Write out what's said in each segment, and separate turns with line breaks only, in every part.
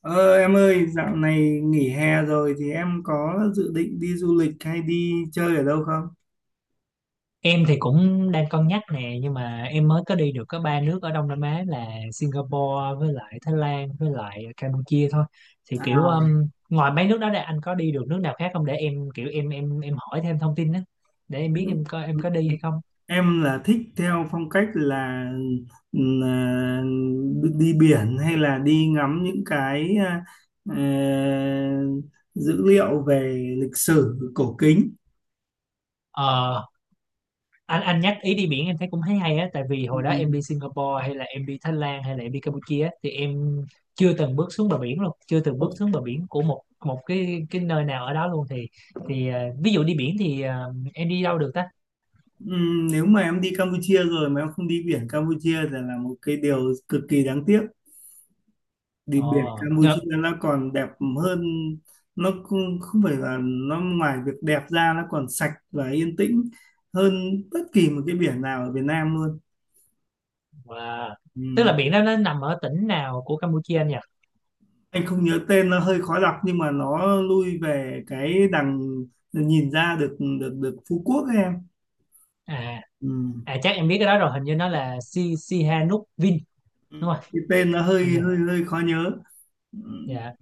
Ờ, em ơi, dạo này nghỉ hè rồi thì em có dự định đi du lịch hay đi chơi ở đâu không?
Em thì cũng đang cân nhắc nè nhưng mà em mới có đi được có ba nước ở Đông Nam Á là Singapore với lại Thái Lan với lại Campuchia thôi. Thì kiểu
À,
ngoài mấy nước đó ra anh có đi được nước nào khác không để em kiểu em hỏi thêm thông tin đó để em biết
đúng.
em có em
Ừ.
có đi hay không.
Em là thích theo phong cách là đi biển hay là đi ngắm những cái ờ, dữ liệu về lịch sử cổ kính.
Ờ, anh nhắc ý đi biển em thấy cũng thấy hay á, tại vì hồi đó em
ừ,
đi Singapore hay là em đi Thái Lan hay là em đi Campuchia á, thì em chưa từng bước xuống bờ biển luôn, chưa từng
Ồ.
bước xuống bờ biển của một một cái nơi nào ở đó luôn thì ví dụ đi biển thì em đi đâu được ta.
Ừ, nếu mà em đi Campuchia rồi mà em không đi biển Campuchia thì là một cái điều cực kỳ đáng tiếc. Đi biển
Ồ ngập.
Campuchia nó còn đẹp hơn. Nó không không phải là, nó ngoài việc đẹp ra nó còn sạch và yên tĩnh hơn bất kỳ một cái biển nào ở Việt Nam luôn.
Wow. Tức là
Ừ.
biển đó nó nằm ở tỉnh nào của Campuchia anh nhỉ?
Anh không nhớ tên, nó hơi khó đọc, nhưng mà nó lui về cái đằng nhìn ra được được được Phú Quốc ấy em.
À,
Ừ.
à chắc em biết cái đó rồi, hình như nó là Si Sihanouk Vin,
Ừ.
đúng không?
Cái tên nó hơi
Hình như.
hơi hơi khó nhớ. Ừ.
Dạ.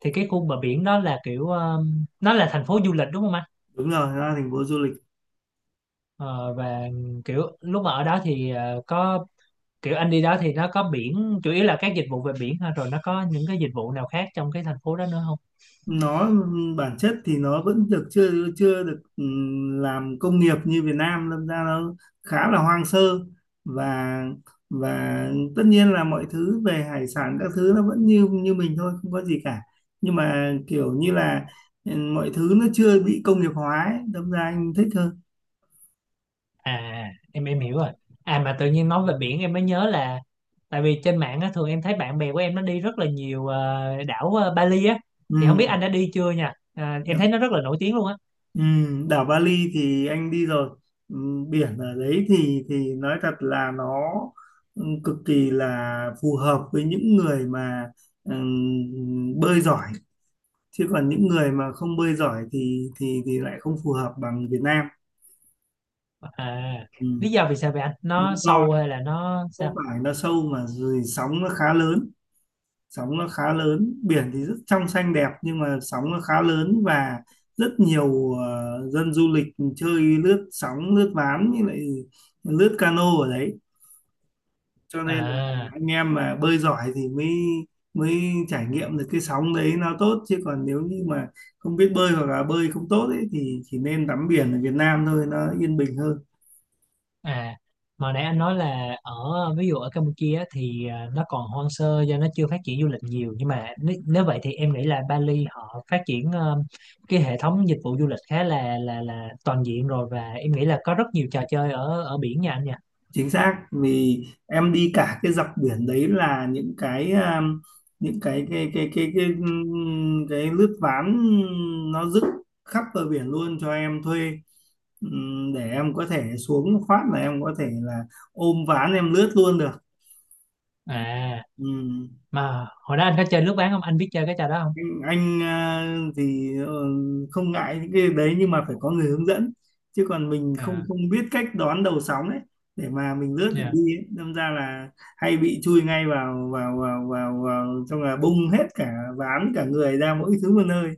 Thì cái khu bờ biển đó là kiểu nó là thành phố du lịch đúng không anh?
Đúng rồi, nó là thành phố du lịch.
Ờ, và kiểu lúc mà ở đó thì có kiểu anh đi đó thì nó có biển chủ yếu là các dịch vụ về biển thôi, rồi nó có những cái dịch vụ nào khác trong cái thành phố đó nữa không?
Nó bản chất thì nó vẫn được chưa chưa được, làm công nghiệp như Việt Nam, đâm ra nó khá là hoang sơ. Và và tất nhiên là mọi thứ về hải sản các thứ nó vẫn như như mình thôi, không có gì cả. Nhưng mà kiểu như là, mọi thứ nó chưa bị công nghiệp hóa ấy, đâm ra anh thích hơn.
À, em hiểu rồi. À, mà tự nhiên nói về biển em mới nhớ là tại vì trên mạng á, thường em thấy bạn bè của em nó đi rất là nhiều đảo Bali á, thì không biết anh đã đi chưa nha. À, em thấy
Ừ.
nó rất là nổi tiếng luôn á.
Ừ, đảo Bali thì anh đi rồi. Ừ, biển ở đấy thì nói thật là nó cực kỳ là phù hợp với những người mà bơi giỏi. Chứ còn những người mà không bơi giỏi thì lại không phù hợp bằng Việt Nam.
À,
Ừ.
lý do vì sao vậy anh,
Lý
nó
do
sâu hay là nó
không
sao?
phải nó sâu mà rồi sóng nó khá lớn. Sóng nó khá lớn, biển thì rất trong xanh đẹp, nhưng mà sóng nó khá lớn và rất nhiều dân du lịch chơi lướt sóng, lướt ván, như lại lướt cano ở đấy, cho nên là
À.
anh em mà bơi giỏi thì mới mới trải nghiệm được cái sóng đấy nó tốt. Chứ còn nếu như mà không biết bơi hoặc là bơi không tốt ấy, thì chỉ nên tắm biển ở Việt Nam thôi, nó yên bình hơn.
À, mà nãy anh nói là ở ví dụ ở Campuchia á, thì à, nó còn hoang sơ do nó chưa phát triển du lịch nhiều, nhưng mà nếu, nếu vậy thì em nghĩ là Bali họ phát triển cái hệ thống dịch vụ du lịch khá là là toàn diện rồi, và em nghĩ là có rất nhiều trò chơi ở ở biển nha anh nha.
Chính xác, vì em đi cả cái dọc biển đấy là những cái, những cái lướt ván nó dựng khắp bờ biển luôn cho em thuê. Để em có thể xuống phát là em có thể là ôm ván em lướt luôn được.
À, mà hồi đó anh có chơi lướt ván không? Anh biết chơi cái trò đó không?
Anh không ngại những cái đấy, nhưng mà phải có người hướng dẫn. Chứ còn mình không
À,
không biết cách đón đầu sóng ấy để mà mình lướt được
dạ.
đi ấy. Đâm ra là hay bị chui ngay vào vào vào vào, vào trong là bung hết cả ván cả người ra, mỗi thứ một nơi.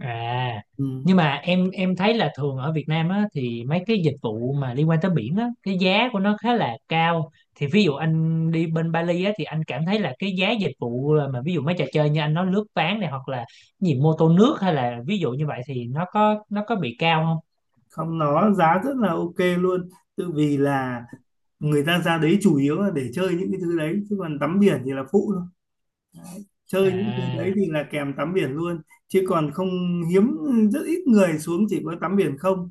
À,
Ừ.
nhưng mà em thấy là thường ở Việt Nam á thì mấy cái dịch vụ mà liên quan tới biển á, cái giá của nó khá là cao. Thì ví dụ anh đi bên Bali á thì anh cảm thấy là cái giá dịch vụ mà ví dụ mấy trò chơi như anh nói lướt ván này hoặc là gì mô tô nước hay là ví dụ như vậy thì nó có bị cao không?
Không, nó giá rất là ok luôn, tự vì là người ta ra đấy chủ yếu là để chơi những cái thứ đấy, chứ còn tắm biển thì là phụ thôi. Chơi những thứ đấy
À,
thì là kèm tắm biển luôn, chứ còn không, hiếm, rất ít người xuống chỉ có tắm biển không.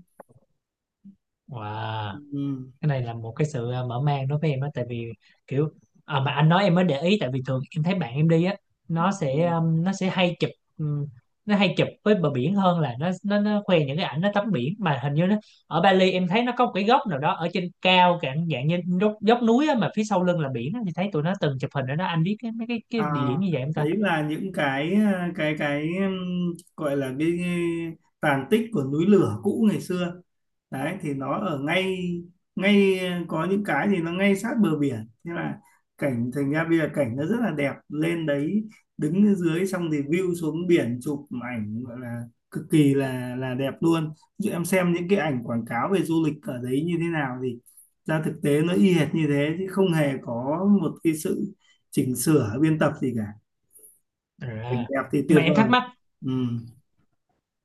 wow.
Ừ.
Cái này là một cái sự à, mở mang đối với em á, tại vì kiểu à, mà anh nói em mới để ý tại vì thường em thấy bạn em đi á,
Ừ.
nó sẽ hay chụp um, nó hay chụp với bờ biển hơn là nó khoe những cái ảnh nó tắm biển, mà hình như nó ở Bali em thấy nó có một cái góc nào đó ở trên cao cả dạng như dốc, dốc núi á, mà phía sau lưng là biển á, thì thấy tụi nó từng chụp hình ở đó, anh biết cái mấy cái địa
À,
điểm như vậy em ta?
đấy là những cái gọi là cái tàn tích của núi lửa cũ ngày xưa đấy, thì nó ở ngay ngay ờ, có những cái thì nó ngay sát bờ biển, thế là cảnh, thành ra bây giờ cảnh nó rất là đẹp lên đấy. Đứng dưới xong thì view xuống biển chụp ảnh gọi là cực kỳ là đẹp luôn. Ví dụ em xem những cái ảnh quảng cáo về du lịch ở đấy như thế nào thì ra thực tế nó y hệt như thế, chứ không hề có một cái sự chỉnh sửa biên tập gì cả. Cảnh
À.
đẹp thì
Nhưng mà
tuyệt
em
vời.
thắc mắc,
Ừ.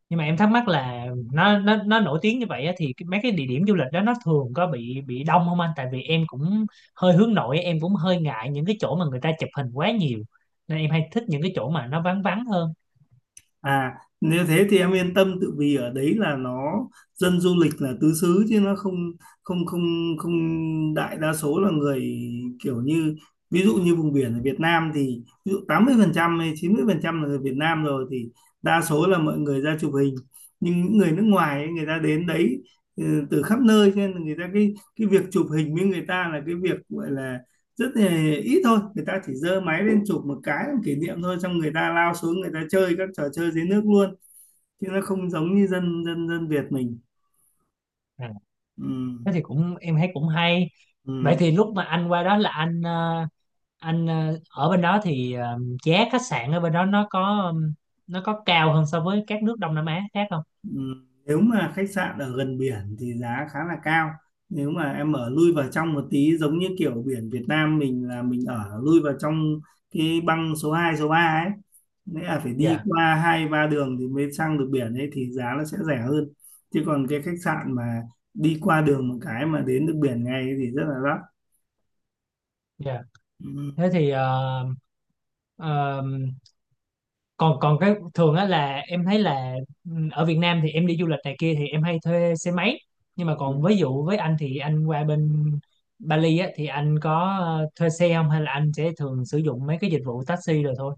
nhưng mà em thắc mắc là nó nổi tiếng như vậy á, thì mấy cái địa điểm du lịch đó nó thường có bị đông không anh, tại vì em cũng hơi hướng nội, em cũng hơi ngại những cái chỗ mà người ta chụp hình quá nhiều, nên em hay thích những cái chỗ mà nó vắng vắng hơn.
À, nếu thế thì em yên tâm, tự vì ở đấy là nó dân du lịch là tứ xứ, chứ nó không không không không đại đa số là người kiểu như ví dụ như vùng biển ở Việt Nam thì ví dụ 80% hay 90% là người Việt Nam rồi, thì đa số là mọi người ra chụp hình. Nhưng những người nước ngoài ấy, người ta đến đấy ừ, từ khắp nơi, cho nên là người ta cái việc chụp hình với người ta là cái việc gọi là rất là ít thôi. Người ta chỉ giơ máy lên chụp một cái làm kỷ niệm thôi, xong người ta lao xuống người ta chơi các trò chơi dưới nước luôn, chứ nó không giống như dân dân dân Việt mình.
À,
Ừ.
thế thì cũng em thấy cũng hay. Vậy
Ừ.
thì lúc mà anh qua đó là anh anh ở bên đó thì giá khách sạn ở bên đó nó có cao hơn so với các nước Đông Nam Á khác không?
Nếu mà khách sạn ở gần biển thì giá khá là cao. Nếu mà em ở lui vào trong một tí, giống như kiểu biển Việt Nam mình là mình ở lui vào trong cái băng số 2 số 3 ấy. Nghĩa là phải đi
Dạ,
qua hai ba đường thì mới sang được biển ấy thì giá nó sẽ rẻ hơn. Chứ còn cái khách sạn mà đi qua đường một cái mà đến được biển ngay ấy thì rất là đắt.
dạ. Thế thì ờ, còn còn cái thường á là em thấy là ở Việt Nam thì em đi du lịch này kia thì em hay thuê xe máy, nhưng mà
Ừm.
còn ví dụ với anh thì anh qua bên Bali á thì anh có thuê xe không hay là anh sẽ thường sử dụng mấy cái dịch vụ taxi rồi thôi?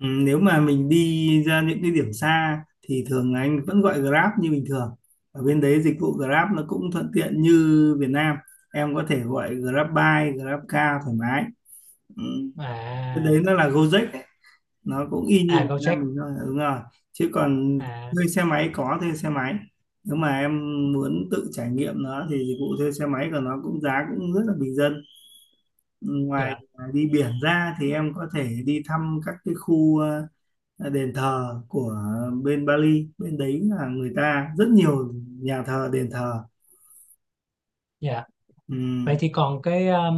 Ừ, nếu mà mình đi ra những cái điểm xa thì thường là anh vẫn gọi Grab như bình thường. Ở bên đấy dịch vụ Grab nó cũng thuận tiện như Việt Nam, em có thể gọi Grab Bike, Grab Car thoải mái. Ừ. Cái
À,
đấy nó là Gojek ấy. Nó cũng y như
à
Việt Nam
Gojek.
mình thôi, đúng rồi. Chứ còn
À,
thuê xe máy, có thuê xe máy, nếu mà em muốn tự trải nghiệm nó thì dịch vụ thuê xe máy của nó cũng, giá cũng rất là bình dân. Ngoài
dạ,
đi biển ra thì em có thể đi thăm các cái khu đền thờ của bên Bali, bên đấy là người ta rất nhiều nhà thờ đền thờ.
dạ. Vậy
Ừm,
thì còn cái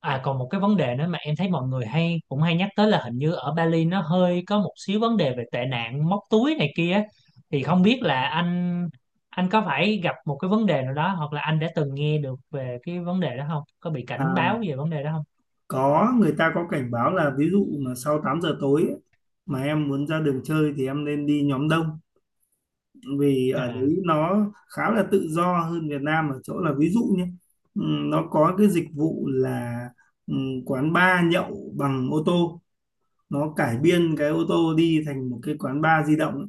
à còn một cái vấn đề nữa mà em thấy mọi người hay cũng hay nhắc tới là hình như ở Bali nó hơi có một xíu vấn đề về tệ nạn móc túi này kia á. Thì không biết là anh, có phải gặp một cái vấn đề nào đó hoặc là anh đã từng nghe được về cái vấn đề đó không? Có bị cảnh
À,
báo về vấn đề đó không?
có, người ta có cảnh báo là ví dụ mà sau 8 giờ tối ấy, mà em muốn ra đường chơi thì em nên đi nhóm đông. Vì ở
À,
đấy nó khá là tự do hơn Việt Nam ở chỗ là ví dụ nhé, nó có cái dịch vụ là, quán bar nhậu bằng ô tô. Nó cải biên cái ô tô đi thành một cái quán bar di động.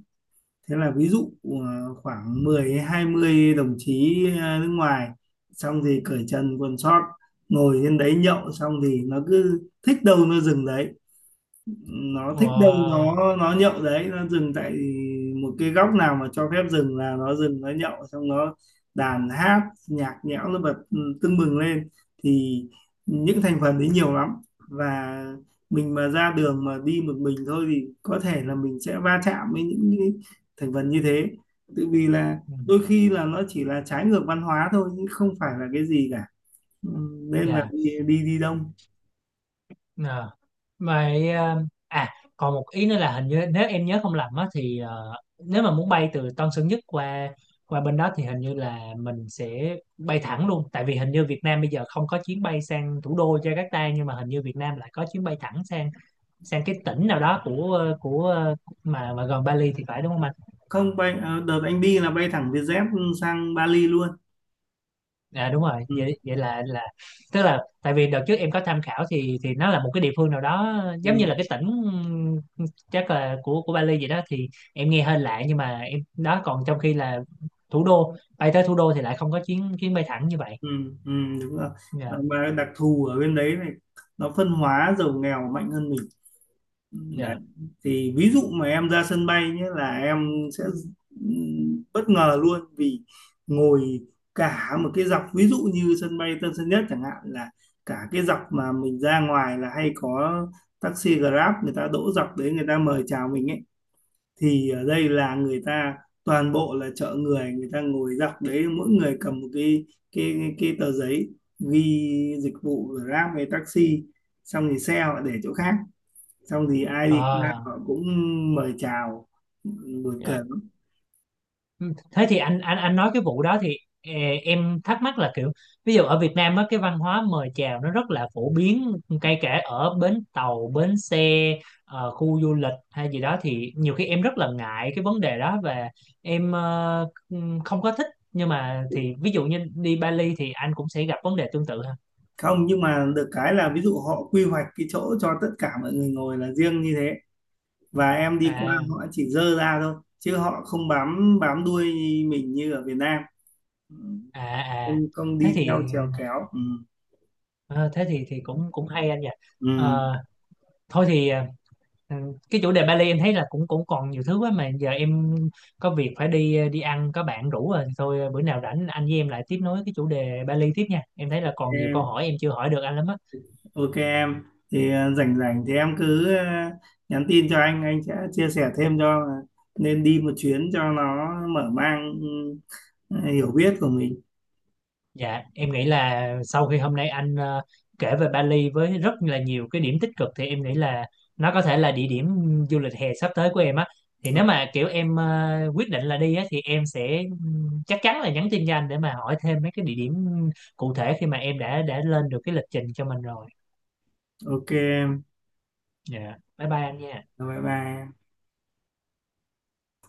Thế là ví dụ khoảng 10 hay 20 đồng chí nước ngoài, xong thì cởi trần quần sót ngồi trên đấy nhậu, xong thì nó cứ thích đâu nó dừng đấy, nó thích đâu
wow.
nó nhậu đấy nó dừng tại một cái góc nào mà cho phép dừng là nó dừng, nó nhậu xong nó đàn hát, nhạc nhẽo nó bật tưng bừng lên. Thì những thành phần đấy nhiều lắm, và mình mà ra đường mà đi một mình thôi thì có thể là mình sẽ va chạm với những cái thành phần như thế, tự vì là
Ừ,
đôi khi là nó chỉ là trái ngược văn hóa thôi chứ không phải là cái gì cả. Ừ, nên là
dạ.
đi đi, đi đông.
Ờ. Vậy à còn một ý nữa là hình như nếu em nhớ không lầm á thì nếu mà muốn bay từ Tân Sơn Nhất qua qua bên đó thì hình như là mình sẽ bay thẳng luôn, tại vì hình như Việt Nam bây giờ không có chuyến bay sang thủ đô Jakarta, nhưng mà hình như Việt Nam lại có chuyến bay thẳng sang sang cái tỉnh nào đó của của mà gần Bali thì phải, đúng không anh?
Không, bay đợt anh đi là bay thẳng Vietjet sang Bali luôn.
À đúng rồi,
Ừ,
vậy vậy là tức là tại vì đợt trước em có tham khảo thì nó là một cái địa phương nào đó giống như là
ừ,
cái tỉnh ừm, chắc là của Bali vậy đó, thì em nghe hơi lạ nhưng mà em đó, còn trong khi là thủ đô bay tới thủ đô thì lại không có chuyến chuyến bay thẳng như vậy.
ừ, ừ, đúng rồi.
Dạ.
Mà đặc thù ở bên đấy này, nó phân hóa giàu nghèo mạnh hơn mình. Ừ, đấy.
Dạ.
Thì ví dụ mà em ra sân bay nhé là em sẽ ừ, bất ngờ luôn, vì ngồi cả một cái dọc ví dụ như sân bay Tân Sơn Nhất chẳng hạn, là cả cái dọc mà mình ra ngoài là hay có taxi Grab người ta đỗ dọc đấy người ta mời chào mình ấy. Thì ở đây là người ta toàn bộ là chợ người, người ta ngồi dọc đấy mỗi người cầm một cái tờ giấy ghi dịch vụ Grab hay taxi, xong thì xe họ để chỗ khác, xong thì ai đi qua
À.
họ cũng mời chào, buồn cười
Dạ.
lắm.
Ừ, thế thì anh nói cái vụ đó thì ờ, em thắc mắc là kiểu ví dụ ở Việt Nam á cái văn hóa mời chào nó rất là phổ biến, kể cả ở bến tàu bến xe, khu du lịch hay gì đó thì nhiều khi em rất là ngại cái vấn đề đó và em không có thích, nhưng mà thì ví dụ như đi Bali thì anh cũng sẽ gặp vấn đề tương tự ha?
Không, nhưng mà được cái là ví dụ họ quy hoạch cái chỗ cho tất cả mọi người ngồi là riêng như thế, và em đi qua
À,
họ chỉ dơ ra thôi chứ họ không bám bám đuôi mình như ở Việt Nam. Ừ,
à, à.
không không
Thế
đi
thì
theo trèo kéo. Ừ.
ờ, thế thì cũng cũng hay anh nhỉ.
Ừ,
Ờ, thôi thì ừ. Cái chủ đề Bali em thấy là cũng cũng còn nhiều thứ quá, mà giờ em có việc phải đi đi ăn, có bạn rủ rồi, thì thôi bữa nào rảnh anh với em lại tiếp nối cái chủ đề Bali tiếp nha, em thấy là còn nhiều câu
em
hỏi em chưa hỏi được anh lắm á.
ok em thì rảnh rảnh thì em cứ nhắn tin cho anh sẽ chia sẻ thêm cho là nên đi một chuyến cho nó mở mang hiểu biết của mình.
Dạ em nghĩ là sau khi hôm nay anh kể về Bali với rất là nhiều cái điểm tích cực thì em nghĩ là nó có thể là địa điểm du lịch hè sắp tới của em á, thì
Ờ,
nếu mà kiểu em quyết định là đi á thì em sẽ chắc chắn là nhắn tin cho anh để mà hỏi thêm mấy cái địa điểm cụ thể khi mà em đã lên được cái lịch trình cho mình rồi.
ok em.
Dạ. Bye bye em nha.
Rồi, bye bye em.